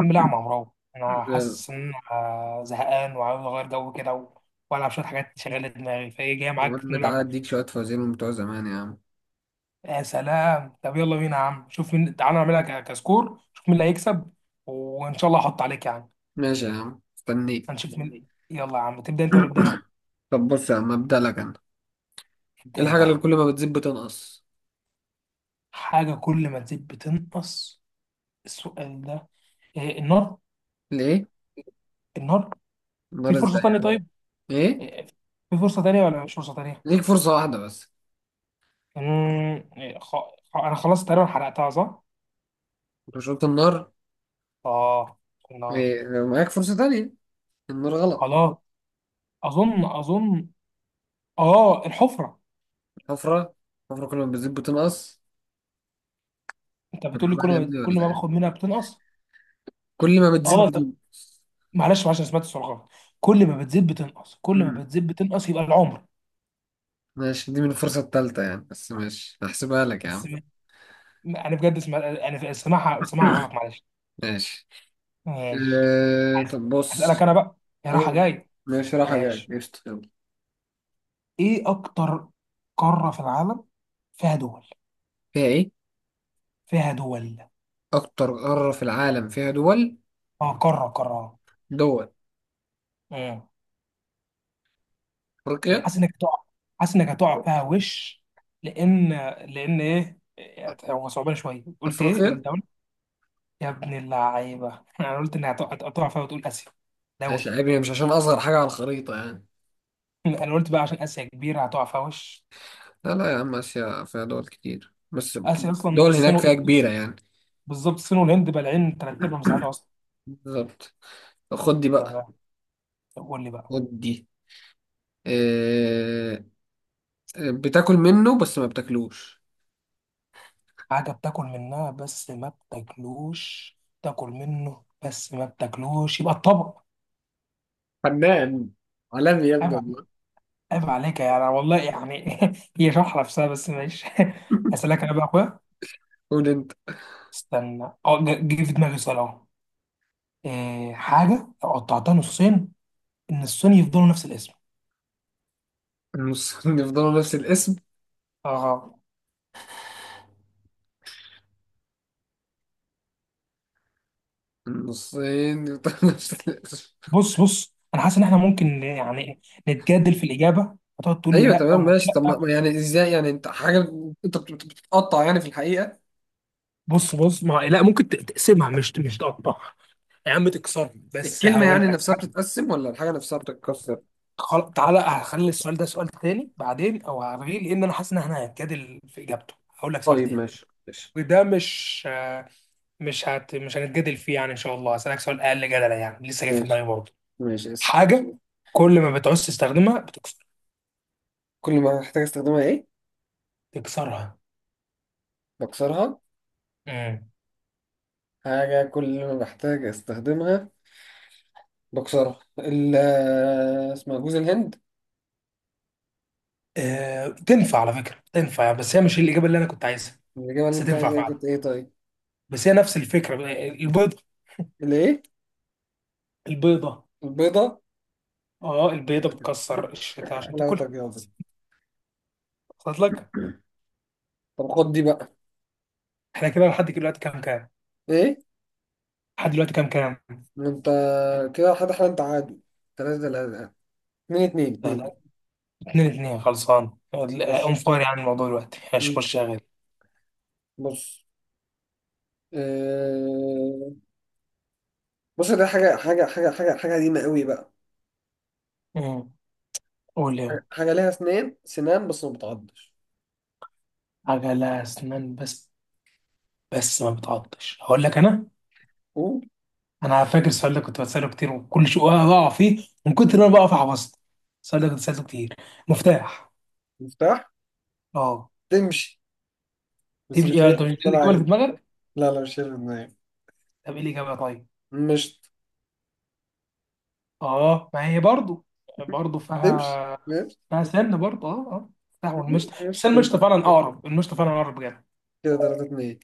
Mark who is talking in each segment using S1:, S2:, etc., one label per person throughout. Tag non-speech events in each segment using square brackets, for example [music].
S1: الحمد لله يا عم عمرو، انا حاسس ان انا زهقان وعاوز اغير جو كده والعب شويه حاجات تشغل دماغي. فايه جاي معاك
S2: بقول بتعدي
S1: نلعب؟
S2: اديك شوية فوازير من بتوع زمان يا عم.
S1: يا سلام، طب يلا بينا يا عم. شوف مين، تعالى نعملها كسكور شوف مين اللي هيكسب، وان شاء الله احط عليك يعني.
S2: ماشي يا عم، استنيك.
S1: هنشوف مين. يلا يا عم تبدا انت ولا ابدا انا؟
S2: [coughs] طب بص يا عم، ابدأ لك انا. ايه
S1: ابدا انت
S2: الحاجة
S1: يا
S2: اللي
S1: عم.
S2: كل ما بتزيد بتنقص؟
S1: حاجه كل ما تزيد بتنقص؟ السؤال ده إيه؟ النار.
S2: ليه؟
S1: النار. في
S2: النار
S1: فرصه
S2: ازاي
S1: تانية
S2: يعني؟
S1: طيب؟
S2: ايه؟
S1: إيه، في فرصه تانية ولا مش فرصه تانية؟
S2: ليك فرصة واحدة بس.
S1: امم إيه، خ... انا خلاص تقريبا حرقتها صح.
S2: انت شربت النار؟
S1: اه، النار.
S2: إيه؟ لو معاك فرصة تانية. النار غلط.
S1: خلاص. اظن اه، الحفره.
S2: الحفرة. الحفرة كل ما بتزيد بتنقص.
S1: انت
S2: طب
S1: بتقول لي كل
S2: عمال يا
S1: ما
S2: ابني
S1: كل
S2: ولا
S1: ما
S2: يعني؟
S1: باخد منها بتنقص.
S2: كل ما بتزيد
S1: اه طب
S2: بتنقص.
S1: معلش معلش، انا سمعت السؤال غلط. كل ما بتزيد بتنقص، كل ما
S2: امم.
S1: بتزيد بتنقص يبقى العمر.
S2: ماشي، دي من الفرصة التالتة يعني، بس ماشي هحسبها لك يا عم.
S1: بس انا بجد اسمع، انا سمعها غلط معلش.
S2: ماشي.
S1: ماشي.
S2: إيه؟
S1: هس-
S2: طب
S1: هسألك
S2: بص.
S1: انا بقى. يا راحه
S2: أوه.
S1: جاي.
S2: ماشي رايحة جاية،
S1: ماشي.
S2: قشطة يلا.
S1: ايه اكتر قاره في العالم فيها دول؟
S2: فيها ايه؟
S1: فيها دول.
S2: اكتر قاره في العالم فيها دول.
S1: اه، قاره.
S2: دول.
S1: آه. انا
S2: افريقيا.
S1: حاسس انك هتقع. حاسس انك هتقع فيها وش. لان لان ايه هو صعبان شويه. قلت ايه
S2: افريقيا.
S1: الدولي. يا ابن اللعيبه [laughs] انا قلت انها هتقع، هتقع فيها وتقول اسيا. دولي.
S2: ايش عيبني؟ مش عشان اصغر حاجه على الخريطه يعني.
S1: [laughs] انا قلت بقى عشان اسيا كبيره هتقع فيها وش.
S2: لا لا يا عم، اسيا فيها دول كتير بس.
S1: اسيا اصلا
S2: دول
S1: الصين
S2: هناك فيها كبيره يعني.
S1: بالظبط، الصين والهند بالعين تلات ارباع مساحتها اصلا.
S2: بالظبط. طب خد دي بقى.
S1: تمام. طب قول لي بقى.
S2: خد دي. إيه... بتاكل منه بس ما بتاكلوش.
S1: حاجه بتاكل منها بس ما بتاكلوش. تاكل منه بس ما بتاكلوش يبقى الطبق.
S2: فنان عالمي يا ابني
S1: أيوة.
S2: والله.
S1: عيب عليك يعني، والله يعني [laughs] هي شرحة نفسها بس ماشي. [laughs] أسألك أنا بقى يا أخويا.
S2: [laughs] قول انت.
S1: استنى، أه، جه في دماغي سؤال أهو. إيه حاجة لو قطعتها نصين النصين يفضلوا نفس الاسم؟
S2: النصين يفضلوا نفس الاسم.
S1: أه.
S2: النصين يفضلوا [laughs] نفس الاسم.
S1: بص أنا حاسس إن إحنا ممكن يعني نتجادل في الإجابة، هتقعد تقول لي
S2: ايوه
S1: لأ أو
S2: تمام
S1: مش
S2: ماشي. طب
S1: لأ.
S2: يعني ازاي يعني؟ انت حاجه، انت بتتقطع يعني في الحقيقه؟
S1: بص ما لا، ممكن تقسمها مش مش تقطعها يا عم، تكسرها. بس
S2: الكلمه
S1: هقول
S2: يعني
S1: لك.
S2: نفسها بتتقسم ولا الحاجه نفسها بتتكسر؟
S1: تعالى هخلي السؤال ده سؤال تاني بعدين أو هلغيه، لأن أنا حاسس إن إحنا هنتجادل في إجابته. هقول لك سؤال
S2: طيب
S1: تاني.
S2: ماشي ماشي.
S1: وده مش مش هنتجادل فيه يعني ان شاء الله. هسألك سؤال اقل جدلا يعني لسه جاي في
S2: ماشي
S1: دماغي برضه.
S2: ماشي اسأل.
S1: حاجه كل ما بتعوز تستخدمها بتكسر.
S2: كل ما بحتاج استخدمها ايه؟
S1: تكسرها.
S2: بكسرها.
S1: امم.
S2: حاجه كل ما بحتاج استخدمها بكسرها. آه، اسمها جوز الهند.
S1: آه... تنفع على فكره، تنفع يعني، بس هي مش الاجابه اللي انا كنت عايزها.
S2: الاجابه
S1: بس
S2: اللي انت
S1: تنفع
S2: عايزها إيه؟
S1: فعلا.
S2: كانت ايه طيب؟
S1: بس هي نفس الفكره. البيضه.
S2: الايه؟
S1: البيضه.
S2: البيضه؟
S1: اه، البيضه بتكسر الشتاء عشان
S2: حلاوتك
S1: تاكلها.
S2: يابا.
S1: وصلت لك؟
S2: طب خد دي بقى.
S1: احنا كده لحد دلوقتي كام كام؟
S2: ايه؟
S1: لحد دلوقتي كام كام؟
S2: ما انت كده حد حد انت عادي. ثلاثة ثلاثة. اتنين اتنين
S1: لا
S2: اتنين.
S1: لا، اتنين اتنين. خلصان اون
S2: ماشي.
S1: فاير يعني الموضوع دلوقتي، مش مش
S2: مم.
S1: شغال.
S2: بص. آه... بص، ده حاجة قديمة قوي بقى.
S1: امم. قول يا
S2: حاجة ليها سنان سنان بس ما بتعضش.
S1: عجلة أسنان. بس بس ما بتعطش، هقول لك أنا.
S2: قول.
S1: أنا فاكر السؤال ده كنت بسأله كتير وكل شيء بقع فيه من كتر ما أنا بقف عبصت. السؤال ده كنت بسأله كتير. مفتاح.
S2: مفتاح.
S1: أه.
S2: تمشي. بس
S1: تمشي
S2: مش هي
S1: يعني، أنت مش دي
S2: اللي أنا
S1: الإجابة اللي في
S2: عايزها.
S1: دماغك؟
S2: لا لا، مش هي اللي في دماغي.
S1: طب إيه الإجابة طيب؟
S2: مش
S1: أه، ما هي برضو. برضو
S2: تمشي
S1: فيها.
S2: ماشي.
S1: فيها سن برضو. أه أه، مفتاح والمشط.
S2: مم.
S1: بس
S2: ماشي كده.
S1: المشط فعلا أقرب، المشط فعلا أقرب بجد.
S2: كده تلاتة اتنين.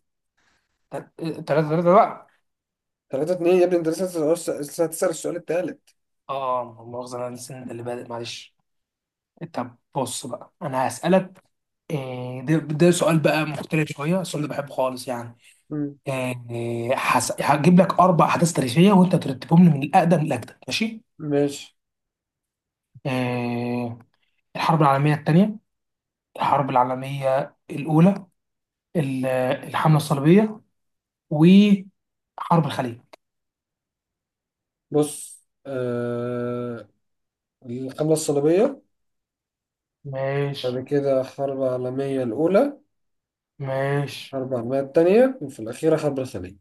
S1: تل- تلاتة تلاتة بقى.
S2: تلاتة اتنين يا ابني، انت لسه هتسأل السؤال، التالت.
S1: أه، مؤاخذة، أنا السن ده اللي بادئ معلش. طب بص بقى أنا هسألك. إيه ده، ده سؤال بقى مختلف شويه، السؤال ده بحبه خالص يعني.
S2: مم.
S1: إيه هجيب لك اربع احداث تاريخيه وانت ترتبهم لي من الاقدم للاجدد، ماشي؟
S2: ماشي
S1: إيه: الحرب العالميه الثانيه، الحرب العالميه الاولى، ال- الحمله الصليبيه، وحرب الخليج.
S2: بص. الحملة الصليبية.
S1: ماشي.
S2: بعد كده الحرب العالمية الأولى.
S1: ماشي.
S2: أربع مية التانية. وفي الأخيرة حرب الخليج.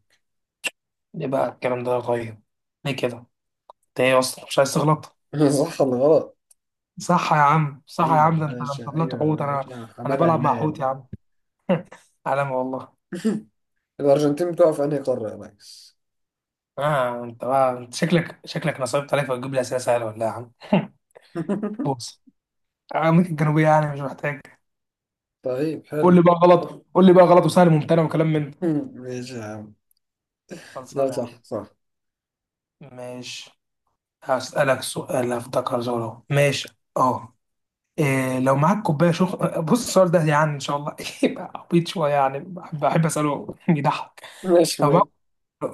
S1: يبقى الكلام ده طيب. ليه كده؟ انت ايه اصلا مش عايز تغلط.
S2: [laughs] صح ولا غلط؟
S1: صح يا عم، صح يا
S2: أيوة يا
S1: عم، ده انت، ده انت
S2: باشا،
S1: طلعت
S2: أيوة يا
S1: حوت.
S2: باشا،
S1: انا
S2: لا،
S1: انا
S2: حمادة
S1: بلعب مع حوت
S2: هلال.
S1: يا عم. علامه والله.
S2: [laughs] الأرجنتين بتقع في أنهي قارة يا ريس؟
S1: اه انت بقى، انت شكلك، شكلك نصبت عليك فتجيب لي اسئله سهله ولا إيه يا عم؟ [laughs]
S2: [laughs]
S1: بص، امريكا الجنوبيه يعني، مش محتاج.
S2: طيب
S1: قول لي
S2: حلو.
S1: بقى غلط، قول لي بقى غلط وسهل ممتنع وكلام من ده.
S2: [laughs] ماشي يا عم.
S1: خلصان
S2: ده
S1: يا
S2: صح
S1: عم.
S2: صح.
S1: ماشي. هسألك سؤال افتكر زوره، ماشي؟ اه، إيه لو معاك كوبايه شخ، بص السؤال ده يعني ان شاء الله [laughs] يبقى عبيط شويه يعني، بحب بحب اساله [laughs] بيضحك.
S2: ماشي
S1: لو معاك،
S2: ماشي.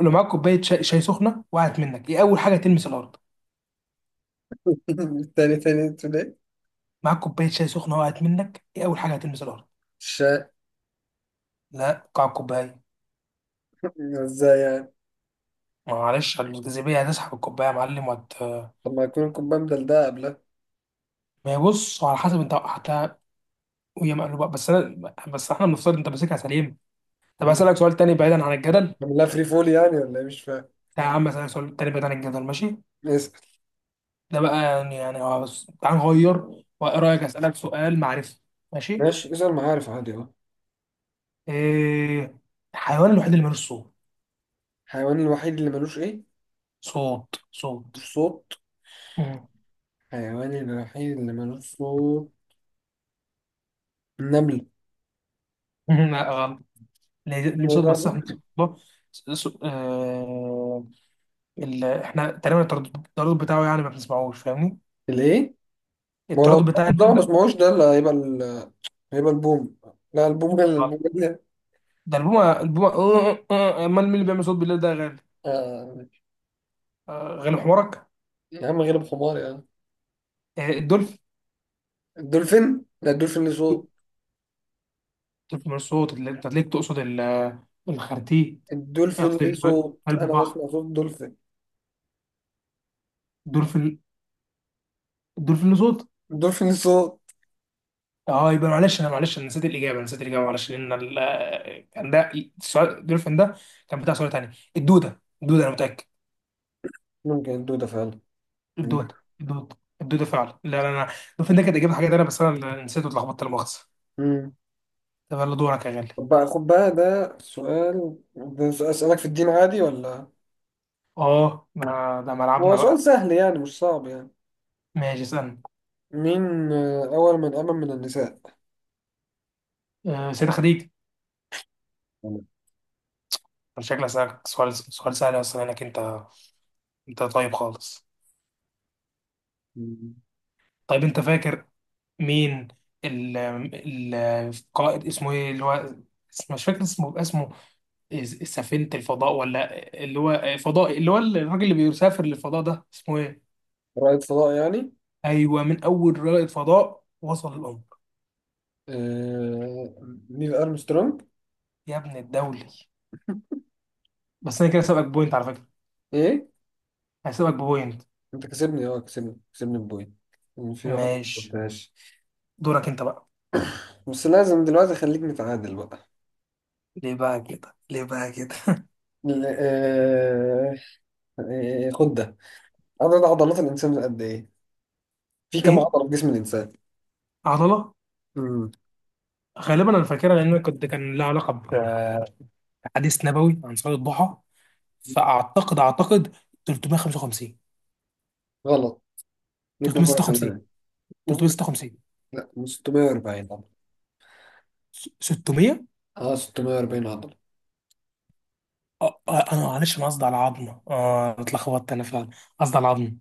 S1: لو معاك كوبايه شاي، شاي سخنه وقعت منك، ايه اول حاجه تلمس الارض؟
S2: [laughs] تاني تاني انتوا ليه؟
S1: معاك كوبايه شاي سخنه وقعت منك، ايه اول حاجه هتلمس الارض؟
S2: الشاي.
S1: لا، قاع الكوبايه.
S2: ازاي يعني؟
S1: ما معلش، الجاذبية هتسحب الكوباية يا معلم وهت.
S2: طب ما يكون الكوباية ده قبلها.
S1: ما هي بص على حسب انت وقعتها، وهي مقلوبة بس، انا بس احنا بنفترض انت ماسكها سليم. طب اسألك سؤال تاني بعيدا عن الجدل.
S2: عاملها فري فول يعني ولا ايه؟ مش فاهم.
S1: لا يا عم، اسألك سؤال تاني بعيدا عن الجدل ماشي؟
S2: اسأل.
S1: ده بقى يعني، يعني اه، بس تعال نغير. وايه رأيك اسألك سؤال معرفي. ماشي.
S2: ماشي اسأل معارف عادي اهو.
S1: ايه الحيوان الوحيد اللي ملوش صوت؟
S2: الحيوان الوحيد اللي ملوش ايه؟
S1: صوت.
S2: ملوش صوت.
S1: مم.
S2: الحيوان الوحيد اللي ملوش صوت. النمل.
S1: [laughs] لا غلط. ليه ليه صوت، بس احنا صوت- اه، احنا تقريبا التردد بتاعه يعني ما بنسمعوش، فاهمني؟
S2: الايه؟ ما هو لو
S1: التردد بتاع
S2: الطاووس ده ما
S1: النملة.
S2: بسمعوش، ده اللي هيبقى هيبقى البوم. لا، البوم
S1: غلط.
S2: ده.
S1: ده البومة، البومة. آه، آه، آه، أه، امال مين اللي بيعمل صوت بالليل ده يا غالي؟
S2: آه.
S1: غالي حمارك.
S2: يا عم غير بحمار يا عم.
S1: الدولفين.
S2: لا الدولفين ليه صوت.
S1: الدولفين مش صوت اللي انت ليك، تقصد الخرتيت.
S2: الدولفين
S1: قصدي
S2: ليه صوت،
S1: قلب
S2: انا
S1: البحر.
S2: بسمع صوت الدولفين.
S1: الدولفين. الدولفين له صوت.
S2: الدولفين ليه صوت.
S1: اه، يبقى معلش انا، معلش انا نسيت الاجابه. أنا نسيت الاجابه معلش، لان كان ده السؤال، الدولفين ده كان بتاع سؤال تاني. الدوده، الدوده، انا متاكد.
S2: ممكن الدودة فعلا. عندك.
S1: الدوده فعلا. لا لا لا، الدولفين ده كانت اجابه حاجه تانيه، بس انا اللي نسيت واتلخبطت، لا مؤاخذه.
S2: مم.
S1: طب يلا دورك يا غالي.
S2: طب بقى خد بقى، ده سؤال اسألك في الدين عادي ولا؟
S1: اه، ما ده ملعبنا
S2: هو سؤال
S1: بقى.
S2: سهل يعني، مش صعب يعني.
S1: ماشي اسألني.
S2: مين أول من آمن من النساء؟
S1: أه، سيدة خديجة. شكلها سألك سؤال، سؤال سهل اصلا، انك انت، انت طيب خالص.
S2: مم.
S1: طيب انت فاكر مين، ال القائد اسمه ايه اللي هو مش فاكر اسمه، اسمه سفينة الفضاء ولا اللي هو فضائي، اللي هو الراجل اللي بيسافر للفضاء ده اسمه ايه؟
S2: رائد فضاء يعني.
S1: ايوه، من اول رائد فضاء وصل القمر؟
S2: آه... نيل ارمسترونج.
S1: يا ابن الدولي. بس انا كده سابقك بوينت على فكرة.
S2: ايه؟
S1: هسيبك بوينت.
S2: انت كسبني، اه، كسبني بوي. في واحد ما
S1: ماشي.
S2: قلتهاش.
S1: دورك انت بقى.
S2: بس لازم دلوقتي خليك نتعادل بقى.
S1: ليه بقى كده، ليه بقى كده؟
S2: ل- آه... خد ده. عدد عضلات الانسان قد ايه؟ في
S1: [laughs]
S2: كم
S1: ايه.
S2: عضله في جسم الانسان؟
S1: عضله.
S2: امم
S1: غالبا انا فاكرها لان أنا كنت كان لها علاقه بحديث نبوي عن صلاه الضحى، فاعتقد 355.
S2: غلط. ليك مره
S1: 356.
S2: كمان. ممكن-
S1: 356.
S2: لا، 640 عضله.
S1: 600.
S2: اه، 640 عضله.
S1: انا معلش انا قصدي على عظمه. اه، أنا اتلخبطت انا فعلا، قصدي على عظمه.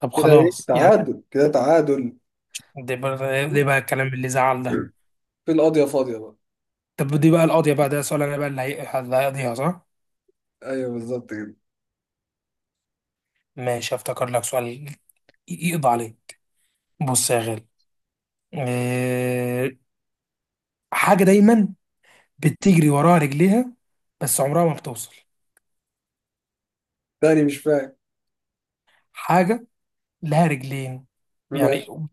S1: طب
S2: كده ايه؟
S1: خلاص يعني.
S2: تعادل، كده تعادل.
S1: ده بقى، ده بقى الكلام اللي زعل ده.
S2: في القاضية فاضية بقى.
S1: طب دي بقى القاضيه بقى، ده سؤال انا بقى اللي اللي هيقضيها صح.
S2: ايوه بالظبط كده.
S1: ماشي. افتكر لك سؤال يقضى عليه. بص يا غالي. آه، حاجة دايما بتجري وراها رجليها بس عمرها ما بتوصل.
S2: تاني مش فاهم.
S1: حاجة لها رجلين يعني
S2: ماشي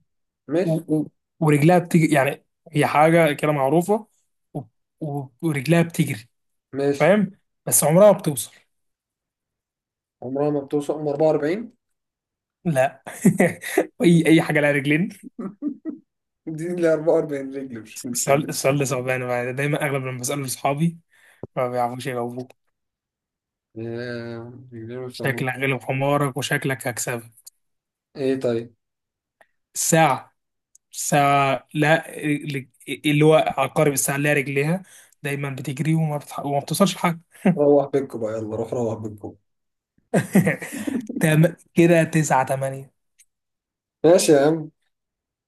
S2: ماشي
S1: و... ورجلها بتجري يعني، هي حاجة كده معروفة و... ورجلها بتجري،
S2: ماشي.
S1: فاهم، بس عمرها ما بتوصل.
S2: عمرها ما بتوصل. عمر 44.
S1: لا [laughs] اي اي حاجة لها رجلين.
S2: [laughs] دي ل 44 رجل، مش
S1: السؤال،
S2: رجل.
S1: السؤال ده صعبان بقى. دايما اغلب لما بسأله لاصحابي ما بيعرفوش يجاوبوه.
S2: آه، رجلين وسمو.
S1: شكلك غلب حمارك وشكلك هكسبك.
S2: ايه طيب.
S1: الساعة. ساعة، لا رجل- اللي هو عقارب الساعة اللي هي رجليها دايما بتجري وما بتوصلش لحاجة.
S2: روح بيتكم بقى، يلا روح روح بيتكم.
S1: [laughs] كده تسعة تمانية.
S2: ماشي يا عم.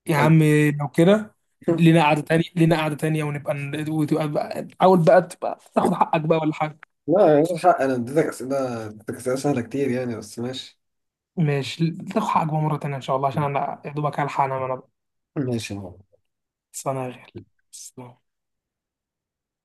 S1: يا
S2: [laughs]
S1: عم. لو كده، لينا قعدة تانية، لينا قعدة تانية ونبقى حاول بقى تبقى تاخد حقك بقى ولا حاجة.
S2: لا يا حق، انا اديتك اسئله، سهله كتير يعني، بس ماشي.
S1: ماشي، تاخد حقك بقى مرة تانية إن شاء الله، عشان أنا يا دوبك هلحق أنام أنا بقى.
S2: ماشي يا عم.
S1: بس أنا غير